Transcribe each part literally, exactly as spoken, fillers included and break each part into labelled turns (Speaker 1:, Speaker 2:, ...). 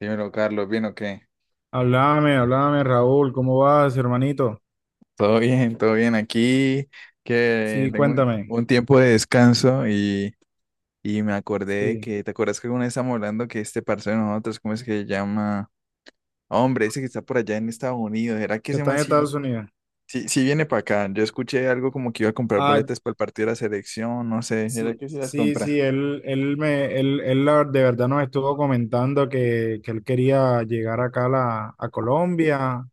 Speaker 1: Dímelo, Carlos, ¿bien o qué?
Speaker 2: Háblame, háblame, Raúl, ¿cómo vas, hermanito?
Speaker 1: Todo bien, todo bien. Aquí que
Speaker 2: Sí,
Speaker 1: tengo un,
Speaker 2: cuéntame.
Speaker 1: un tiempo de descanso y, y me acordé de
Speaker 2: Sí,
Speaker 1: que, ¿te acuerdas que alguna vez estábamos hablando que este parcero de nosotros, ¿cómo es que se llama? Hombre, ese que está por allá en Estados Unidos, ¿era que
Speaker 2: que
Speaker 1: ese
Speaker 2: está
Speaker 1: man
Speaker 2: en
Speaker 1: sí,
Speaker 2: Estados Unidos.
Speaker 1: sí, sí viene para acá? Yo escuché algo como que iba a comprar
Speaker 2: Ah,
Speaker 1: boletas para el partido de la selección, no sé, ¿era
Speaker 2: sí,
Speaker 1: que sí las
Speaker 2: sí,
Speaker 1: compra?
Speaker 2: sí, él, él me, él, él la- de verdad nos estuvo comentando que, que él quería llegar acá a, la, a Colombia,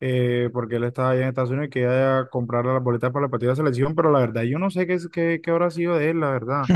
Speaker 2: eh, porque él estaba allá en Estados Unidos y quería comprar las boletas para la partida de selección, pero la verdad, yo no sé qué, es- qué, qué habrá sido de él, la verdad.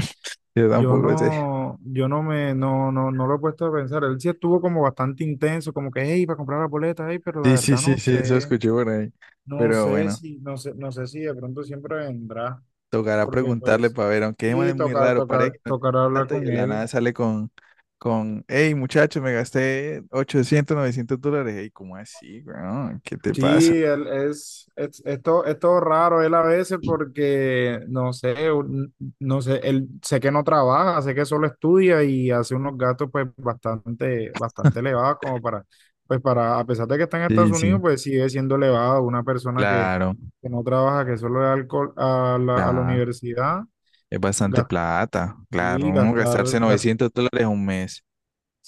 Speaker 1: Yo
Speaker 2: Yo
Speaker 1: tampoco sé.
Speaker 2: no, yo no me, no, no, No lo he puesto a pensar. Él sí estuvo como bastante intenso, como que, hey, para comprar la boleta, hey, pero la
Speaker 1: Sí, sí,
Speaker 2: verdad no
Speaker 1: sí, sí, eso
Speaker 2: sé,
Speaker 1: escuché por ahí.
Speaker 2: no
Speaker 1: Pero
Speaker 2: sé
Speaker 1: bueno.
Speaker 2: si, no sé, no sé si de pronto siempre vendrá,
Speaker 1: Tocará
Speaker 2: porque
Speaker 1: preguntarle
Speaker 2: pues,
Speaker 1: para ver, aunque Eman
Speaker 2: y
Speaker 1: es muy
Speaker 2: tocar,
Speaker 1: raro, parece
Speaker 2: tocar,
Speaker 1: que no tiene
Speaker 2: tocar hablar
Speaker 1: plata y
Speaker 2: con
Speaker 1: de la nada
Speaker 2: él.
Speaker 1: sale con, con, hey muchacho, me gasté ochocientos, novecientos dólares. Hey, ¿cómo así, weón? ¿Qué te
Speaker 2: Sí,
Speaker 1: pasa?
Speaker 2: él es, es, es todo, es todo raro él a veces porque, no sé, un- no sé, él sé que no trabaja, sé que solo estudia y hace unos gastos pues bastante, bastante elevados como para, pues para, a pesar de que está en Estados
Speaker 1: Sí,
Speaker 2: Unidos,
Speaker 1: sí.
Speaker 2: pues sigue siendo elevado una persona que,
Speaker 1: Claro,
Speaker 2: que no trabaja, que solo da alcohol a la, a la
Speaker 1: claro,
Speaker 2: universidad,
Speaker 1: es bastante
Speaker 2: gastar,
Speaker 1: plata, claro, uno
Speaker 2: gastar,
Speaker 1: gastarse
Speaker 2: gas-
Speaker 1: novecientos dólares un mes,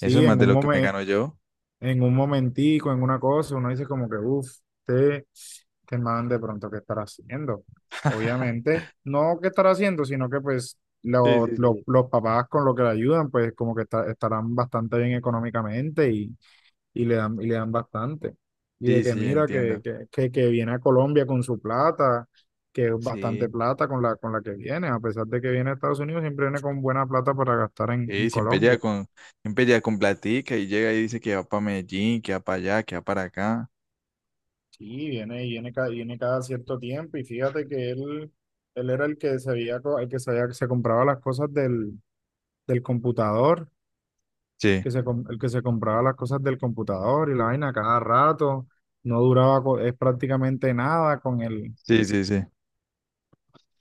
Speaker 1: eso es más
Speaker 2: en
Speaker 1: de
Speaker 2: un
Speaker 1: lo que me
Speaker 2: momento,
Speaker 1: gano yo.
Speaker 2: en un momentico, en una cosa, uno dice como que, uff, te te man de pronto, ¿qué estará haciendo? Obviamente, no qué estará haciendo, sino que pues
Speaker 1: Sí,
Speaker 2: lo-
Speaker 1: sí,
Speaker 2: lo-
Speaker 1: sí.
Speaker 2: los papás con lo que le ayudan, pues como que está- estarán bastante bien económicamente y, y le dan, y le dan bastante. Y de
Speaker 1: Sí,
Speaker 2: que
Speaker 1: sí,
Speaker 2: mira, que,
Speaker 1: entiendo.
Speaker 2: que, que, que viene a Colombia con su plata, que es bastante
Speaker 1: Sí,
Speaker 2: plata con la, con la que viene, a pesar de que viene a Estados Unidos, siempre viene con buena plata para gastar en, en
Speaker 1: sí, siempre llega
Speaker 2: Colombia.
Speaker 1: con, siempre llega con platica y llega y dice que va para Medellín, que va para allá, que va para acá.
Speaker 2: Sí, viene, viene, ca- viene cada cierto tiempo y fíjate que él, él era el que se había, co- el que se había- se compraba las cosas del, del computador,
Speaker 1: Sí,
Speaker 2: que se, com- el que se compraba las cosas del computador y la vaina cada rato, no duraba co- es prácticamente nada con el,
Speaker 1: sí, sí, sí.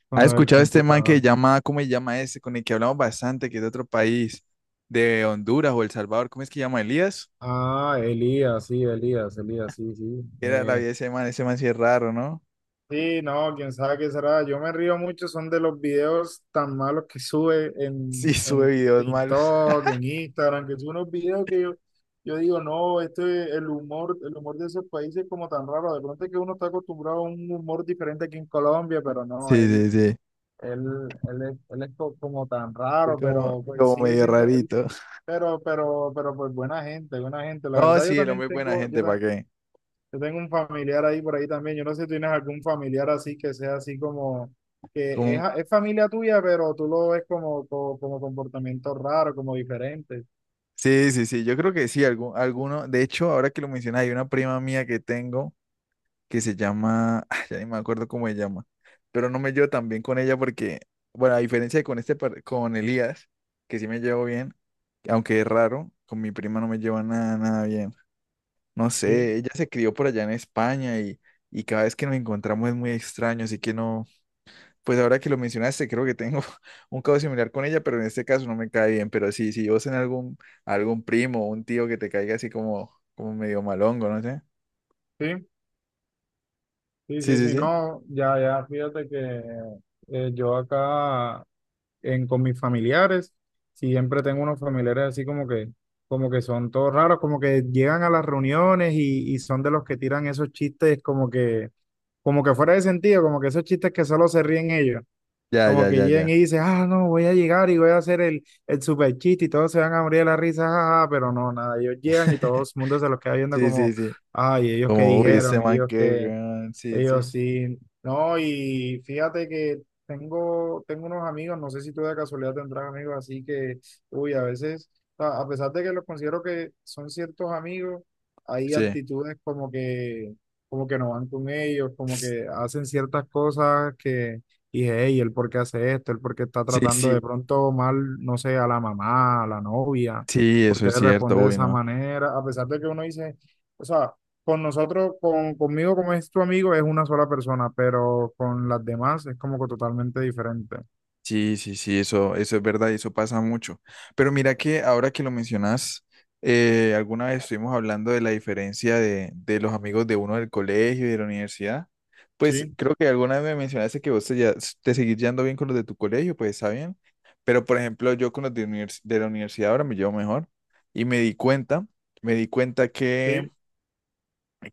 Speaker 2: con
Speaker 1: ¿Has
Speaker 2: lo del
Speaker 1: escuchado este man que
Speaker 2: computador.
Speaker 1: llama, cómo se llama ese, con el que hablamos bastante, que es de otro país, de Honduras o El Salvador? ¿Cómo es que llama Elías?
Speaker 2: Ah, Elías, sí, Elías, Elías, sí, sí,
Speaker 1: ¿Qué era la
Speaker 2: eh,
Speaker 1: vida de ese man, ese man sí es raro, ¿no?
Speaker 2: sí, no, quién sabe qué será. Yo me río mucho, son de los videos tan malos que sube
Speaker 1: Sí,
Speaker 2: en,
Speaker 1: sube
Speaker 2: en
Speaker 1: videos malos.
Speaker 2: TikTok, en Instagram, que son unos videos que yo, yo digo, no, este, el humor, el humor de esos países es como tan raro. De pronto es que uno está acostumbrado a un humor diferente aquí en Colombia, pero
Speaker 1: Sí,
Speaker 2: no,
Speaker 1: sí,
Speaker 2: él,
Speaker 1: sí.
Speaker 2: él, él, es, él es co- como tan
Speaker 1: Es
Speaker 2: raro,
Speaker 1: como,
Speaker 2: pero pues
Speaker 1: como
Speaker 2: sigue
Speaker 1: medio
Speaker 2: siendo, él,
Speaker 1: rarito.
Speaker 2: pero, pero, pero pues buena gente, buena gente. La
Speaker 1: No,
Speaker 2: verdad yo
Speaker 1: sí, el
Speaker 2: también
Speaker 1: hombre es buena
Speaker 2: tengo, yo,
Speaker 1: gente, ¿para qué?
Speaker 2: yo tengo un familiar ahí por ahí también. Yo no sé si tienes algún familiar así que sea así como que es,
Speaker 1: Como,
Speaker 2: es familia tuya, pero tú lo ves como, como, como comportamiento raro, como diferente.
Speaker 1: sí, sí, sí, yo creo que sí, algún, alguno. De hecho, ahora que lo mencionas, hay una prima mía que tengo, que se llama, ah, ya ni me acuerdo cómo se llama, pero no me llevo tan bien con ella porque, bueno, a diferencia de con este, par- con Elías, que sí me llevo bien, aunque es raro, con mi prima no me llevo nada, nada bien. No
Speaker 2: Sí,
Speaker 1: sé, ella se crió por allá en España y, y cada vez que nos encontramos es muy extraño, así que no, pues ahora que lo mencionaste, creo que tengo un caso similar con ella, pero en este caso no me cae bien, pero sí, si vos en algún, algún primo o un tío que te caiga así como, como medio malongo, no sé.
Speaker 2: sí, sí,
Speaker 1: Sí,
Speaker 2: sí,
Speaker 1: sí,
Speaker 2: sí,
Speaker 1: sí.
Speaker 2: no, ya, ya, fíjate que eh, yo acá en, con mis familiares siempre tengo unos familiares así como que, como que son todos raros, como que llegan a las reuniones y, y son de los que tiran esos chistes como que, como que fuera de sentido, como que esos chistes que solo se ríen ellos.
Speaker 1: Ya,
Speaker 2: Como
Speaker 1: ya,
Speaker 2: que
Speaker 1: ya,
Speaker 2: llegan
Speaker 1: ya.
Speaker 2: y dicen, ah, no, voy a llegar y voy a hacer el, el super chiste y todos se van a morir de la risa, jaja, pero no, nada, ellos llegan y todo el mundo se los queda viendo
Speaker 1: Sí, sí,
Speaker 2: como,
Speaker 1: sí.
Speaker 2: ay, ellos qué
Speaker 1: Como, uy, este
Speaker 2: dijeron,
Speaker 1: man
Speaker 2: ellos
Speaker 1: que,
Speaker 2: qué.
Speaker 1: weón, sí,
Speaker 2: Ellos
Speaker 1: sí.
Speaker 2: sí. No, y fíjate que tengo, tengo unos amigos, no sé si tú de casualidad tendrás amigos, así que, uy, a veces, a a pesar de que los considero que son ciertos amigos, hay
Speaker 1: Sí,
Speaker 2: actitudes como que, como que no van con ellos, como que hacen ciertas cosas que dije, hey, ¿el por qué hace esto? ¿El por qué está
Speaker 1: sí,
Speaker 2: tratando de
Speaker 1: sí.
Speaker 2: pronto mal, no sé, a la mamá, a la novia?
Speaker 1: Sí,
Speaker 2: ¿Por
Speaker 1: eso
Speaker 2: qué
Speaker 1: es
Speaker 2: le
Speaker 1: cierto,
Speaker 2: responde de
Speaker 1: uy,
Speaker 2: esa
Speaker 1: ¿no?
Speaker 2: manera? A pesar de que uno dice... O sea, con nosotros, con, conmigo como es tu amigo, es una sola persona, pero con las demás es como que totalmente diferente.
Speaker 1: Sí, sí, sí, eso, eso es verdad y eso pasa mucho. Pero mira que ahora que lo mencionas, eh, alguna vez estuvimos hablando de la diferencia de, de los amigos de uno del colegio y de la universidad. Pues
Speaker 2: Sí,
Speaker 1: creo que alguna vez me mencionaste que vos te, ya- te seguís llevando bien con los de tu colegio, pues está bien. Pero por ejemplo, yo con los de, univers- de la universidad ahora me llevo mejor y me di cuenta, me di cuenta que
Speaker 2: sí,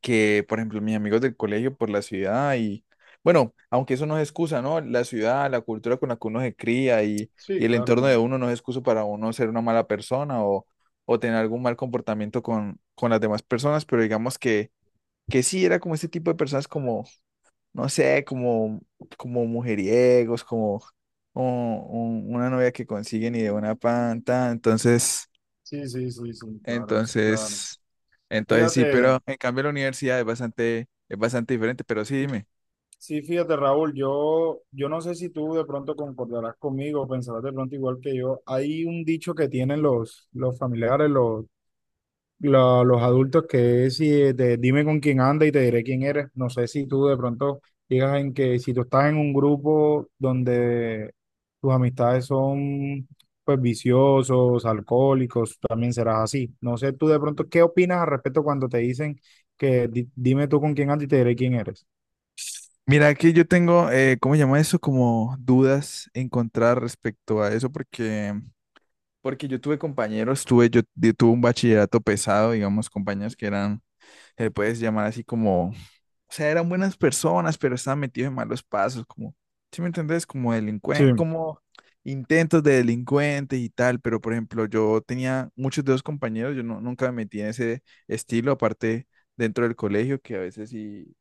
Speaker 1: que, por ejemplo, mis amigos del colegio por la ciudad y, bueno, aunque eso no es excusa, ¿no? La ciudad, la cultura con la que uno se cría y, y
Speaker 2: sí,
Speaker 1: el
Speaker 2: claro,
Speaker 1: entorno de
Speaker 2: no.
Speaker 1: uno no es excusa para uno ser una mala persona o, o tener algún mal comportamiento con, con las demás personas, pero digamos que, que sí, era como este tipo de personas como, no sé, como, como mujeriegos, como... o un- una novia que consiguen y de una panta, entonces
Speaker 2: Sí, sí, sí, sí, claro, sí, claro.
Speaker 1: entonces, entonces sí,
Speaker 2: Fíjate,
Speaker 1: pero en cambio la universidad es bastante, es bastante diferente, pero sí, dime.
Speaker 2: sí, fíjate, Raúl, yo, yo no sé si tú de pronto concordarás conmigo, pensarás de pronto igual que yo. Hay un dicho que tienen los, los familiares, los, la- los adultos que es si de, dime con quién anda y te diré quién eres. No sé si tú de pronto digas en que si tú estás en un grupo donde tus amistades son pues viciosos, alcohólicos, también serás así. No sé tú de pronto qué opinas al respecto cuando te dicen que di- dime tú con quién andas y te diré quién eres.
Speaker 1: Mira, aquí yo tengo, eh, ¿cómo se llama eso? Como dudas encontrar respecto a eso, porque, porque yo tuve compañeros, tuve, yo, yo tuve un bachillerato pesado, digamos, compañeros que eran, se les puedes llamar así como, o sea, eran buenas personas, pero estaban metidos en malos pasos, como, ¿sí me entendés? Como
Speaker 2: Sí,
Speaker 1: delincuente, como intentos de delincuentes y tal, pero por ejemplo, yo tenía muchos de los compañeros, yo no, nunca me metí en ese estilo, aparte dentro del colegio, que a veces sí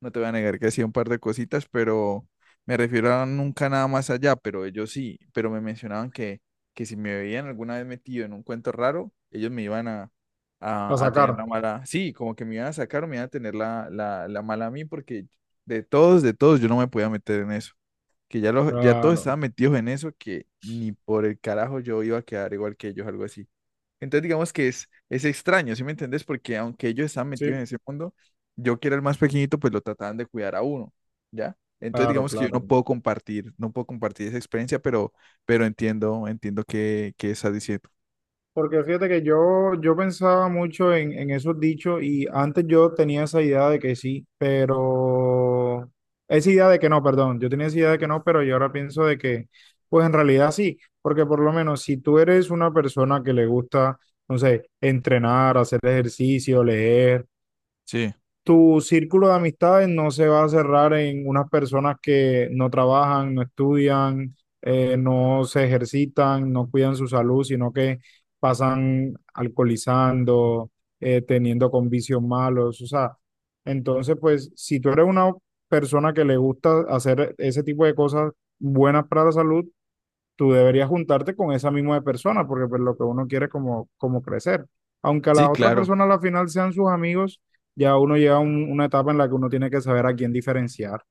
Speaker 1: no te voy a negar que hacía un par de cositas, pero me refiero a nunca nada más allá, pero ellos sí, pero me mencionaban que, que si me veían alguna vez metido en un cuento raro, ellos me iban a,
Speaker 2: a
Speaker 1: a, a tener
Speaker 2: sacar.
Speaker 1: la mala, sí, como que me iban a sacar o me iban a tener la, la, la mala a mí, porque de todos, de todos, yo no me podía meter en eso, que ya, los ya todos
Speaker 2: Claro,
Speaker 1: estaban metidos en eso, que ni por el carajo yo iba a quedar igual que ellos, algo así. Entonces digamos que es, es extraño, ¿sí me entendés? Porque aunque ellos estaban metidos en
Speaker 2: sí,
Speaker 1: ese mundo, yo que era el más pequeñito, pues lo trataban de cuidar a uno, ¿ya? Entonces
Speaker 2: claro,
Speaker 1: digamos que yo
Speaker 2: claro.
Speaker 1: no puedo compartir, no puedo compartir esa experiencia, pero, pero entiendo, entiendo qué, qué estás diciendo.
Speaker 2: Porque fíjate que yo, yo pensaba mucho en, en esos dichos y antes yo tenía esa idea de que sí, pero esa idea de que no, perdón, yo tenía esa idea de que no, pero yo ahora pienso de que, pues en realidad sí, porque por lo menos si tú eres una persona que le gusta, no sé, entrenar, hacer ejercicio, leer
Speaker 1: Sí.
Speaker 2: tu círculo de amistades no se va a cerrar en unas personas que no trabajan, no estudian, eh, no se ejercitan, no cuidan su salud, sino que pasan alcoholizando, eh, teniendo con vicios malos. O sea, entonces, pues, si tú eres una persona que le gusta hacer ese tipo de cosas buenas para la salud, tú deberías juntarte con esa misma persona, porque pues lo que uno quiere es como, como crecer. Aunque a
Speaker 1: Sí,
Speaker 2: la otra
Speaker 1: claro.
Speaker 2: persona a la final sean sus amigos, ya uno llega a un- una etapa en la que uno tiene que saber a quién diferenciar.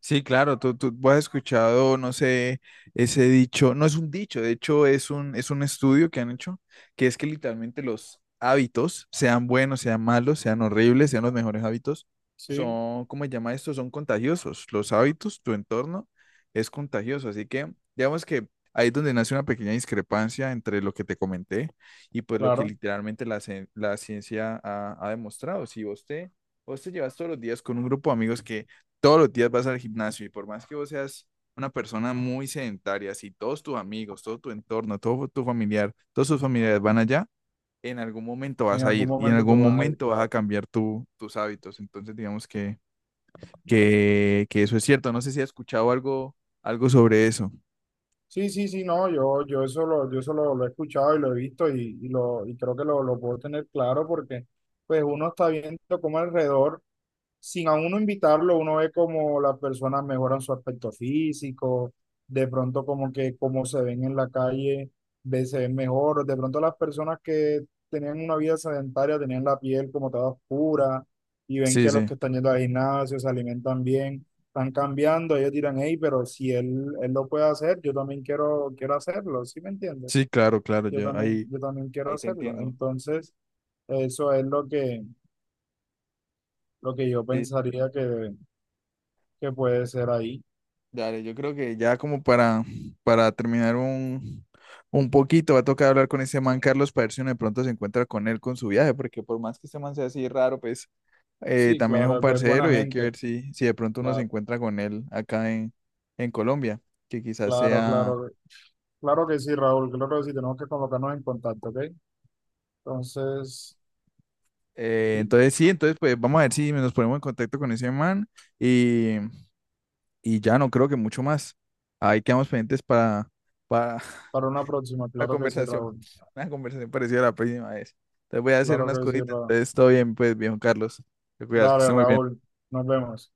Speaker 1: Sí, claro, tú, tú has escuchado, no sé, ese dicho, no es un dicho, de hecho es un, es un estudio que han hecho, que es que literalmente los hábitos, sean buenos, sean malos, sean horribles, sean los mejores hábitos,
Speaker 2: Sí,
Speaker 1: son, ¿cómo se llama esto? Son contagiosos. Los hábitos, tu entorno es contagioso, así que digamos que ahí es donde nace una pequeña discrepancia entre lo que te comenté y pues lo que
Speaker 2: claro.
Speaker 1: literalmente la, cien- la ciencia ha, ha demostrado. Si vos te, vos te llevas todos los días con un grupo de amigos que todos los días vas al gimnasio y por más que vos seas una persona muy sedentaria, si todos tus amigos, todo tu entorno, todo tu familiar, todos tus familiares van allá, en algún momento
Speaker 2: En
Speaker 1: vas a
Speaker 2: algún
Speaker 1: ir y en
Speaker 2: momento
Speaker 1: algún
Speaker 2: tú vas a ir,
Speaker 1: momento vas a
Speaker 2: claro.
Speaker 1: cambiar tu, tus hábitos. Entonces, digamos que, que, que eso es cierto. No sé si has escuchado algo, algo sobre eso.
Speaker 2: Sí, sí, sí, no, yo, yo eso lo, yo eso lo, lo he escuchado y lo he visto y, y lo, y creo que lo, lo puedo tener claro porque pues uno está viendo cómo alrededor. Sin a uno invitarlo, uno ve como las personas mejoran su aspecto físico, de pronto como que como se ven en la calle, ve- se ven mejor, de pronto las personas que tenían una vida sedentaria tenían la piel como toda oscura y ven
Speaker 1: Sí,
Speaker 2: que los
Speaker 1: sí,
Speaker 2: que están yendo al gimnasio se alimentan bien, están cambiando, ellos dirán, hey, pero si él, él lo puede hacer, yo también quiero, quiero hacerlo, ¿sí me entiendes?
Speaker 1: sí, claro, claro,
Speaker 2: Yo
Speaker 1: yo
Speaker 2: también,
Speaker 1: ahí,
Speaker 2: yo también quiero
Speaker 1: ahí te
Speaker 2: hacerlo.
Speaker 1: entiendo.
Speaker 2: Entonces, eso es lo que, lo que yo
Speaker 1: Sí. Sí.
Speaker 2: pensaría que que puede ser ahí.
Speaker 1: Dale, yo creo que ya como para, para terminar un, un poquito, va a tocar hablar con ese
Speaker 2: Sí,
Speaker 1: man Carlos para ver si uno de pronto se encuentra con él con su viaje, porque por más que ese man sea así raro, pues eh,
Speaker 2: sí,
Speaker 1: también es un
Speaker 2: claro, es es buena
Speaker 1: parcero y hay que
Speaker 2: gente.
Speaker 1: ver si, si de pronto uno se
Speaker 2: La-
Speaker 1: encuentra con él acá en, en Colombia, que quizás
Speaker 2: Claro,
Speaker 1: sea...
Speaker 2: claro, claro que sí, Raúl, claro que sí, tenemos que colocarnos en contacto, ¿ok? Entonces,
Speaker 1: eh,
Speaker 2: sí,
Speaker 1: entonces sí, entonces pues vamos a ver si nos ponemos en contacto con ese man y, y ya no creo que mucho más. Ahí quedamos pendientes para, para,
Speaker 2: para una próxima,
Speaker 1: una
Speaker 2: claro que sí,
Speaker 1: conversación,
Speaker 2: Raúl,
Speaker 1: una conversación parecida a la próxima vez. Te voy a hacer
Speaker 2: claro
Speaker 1: unas
Speaker 2: que sí,
Speaker 1: cositas.
Speaker 2: Raúl.
Speaker 1: Entonces, todo bien, pues, viejo Carlos. Te cuidas, que
Speaker 2: Dale,
Speaker 1: esté muy bien.
Speaker 2: Raúl, nos vemos.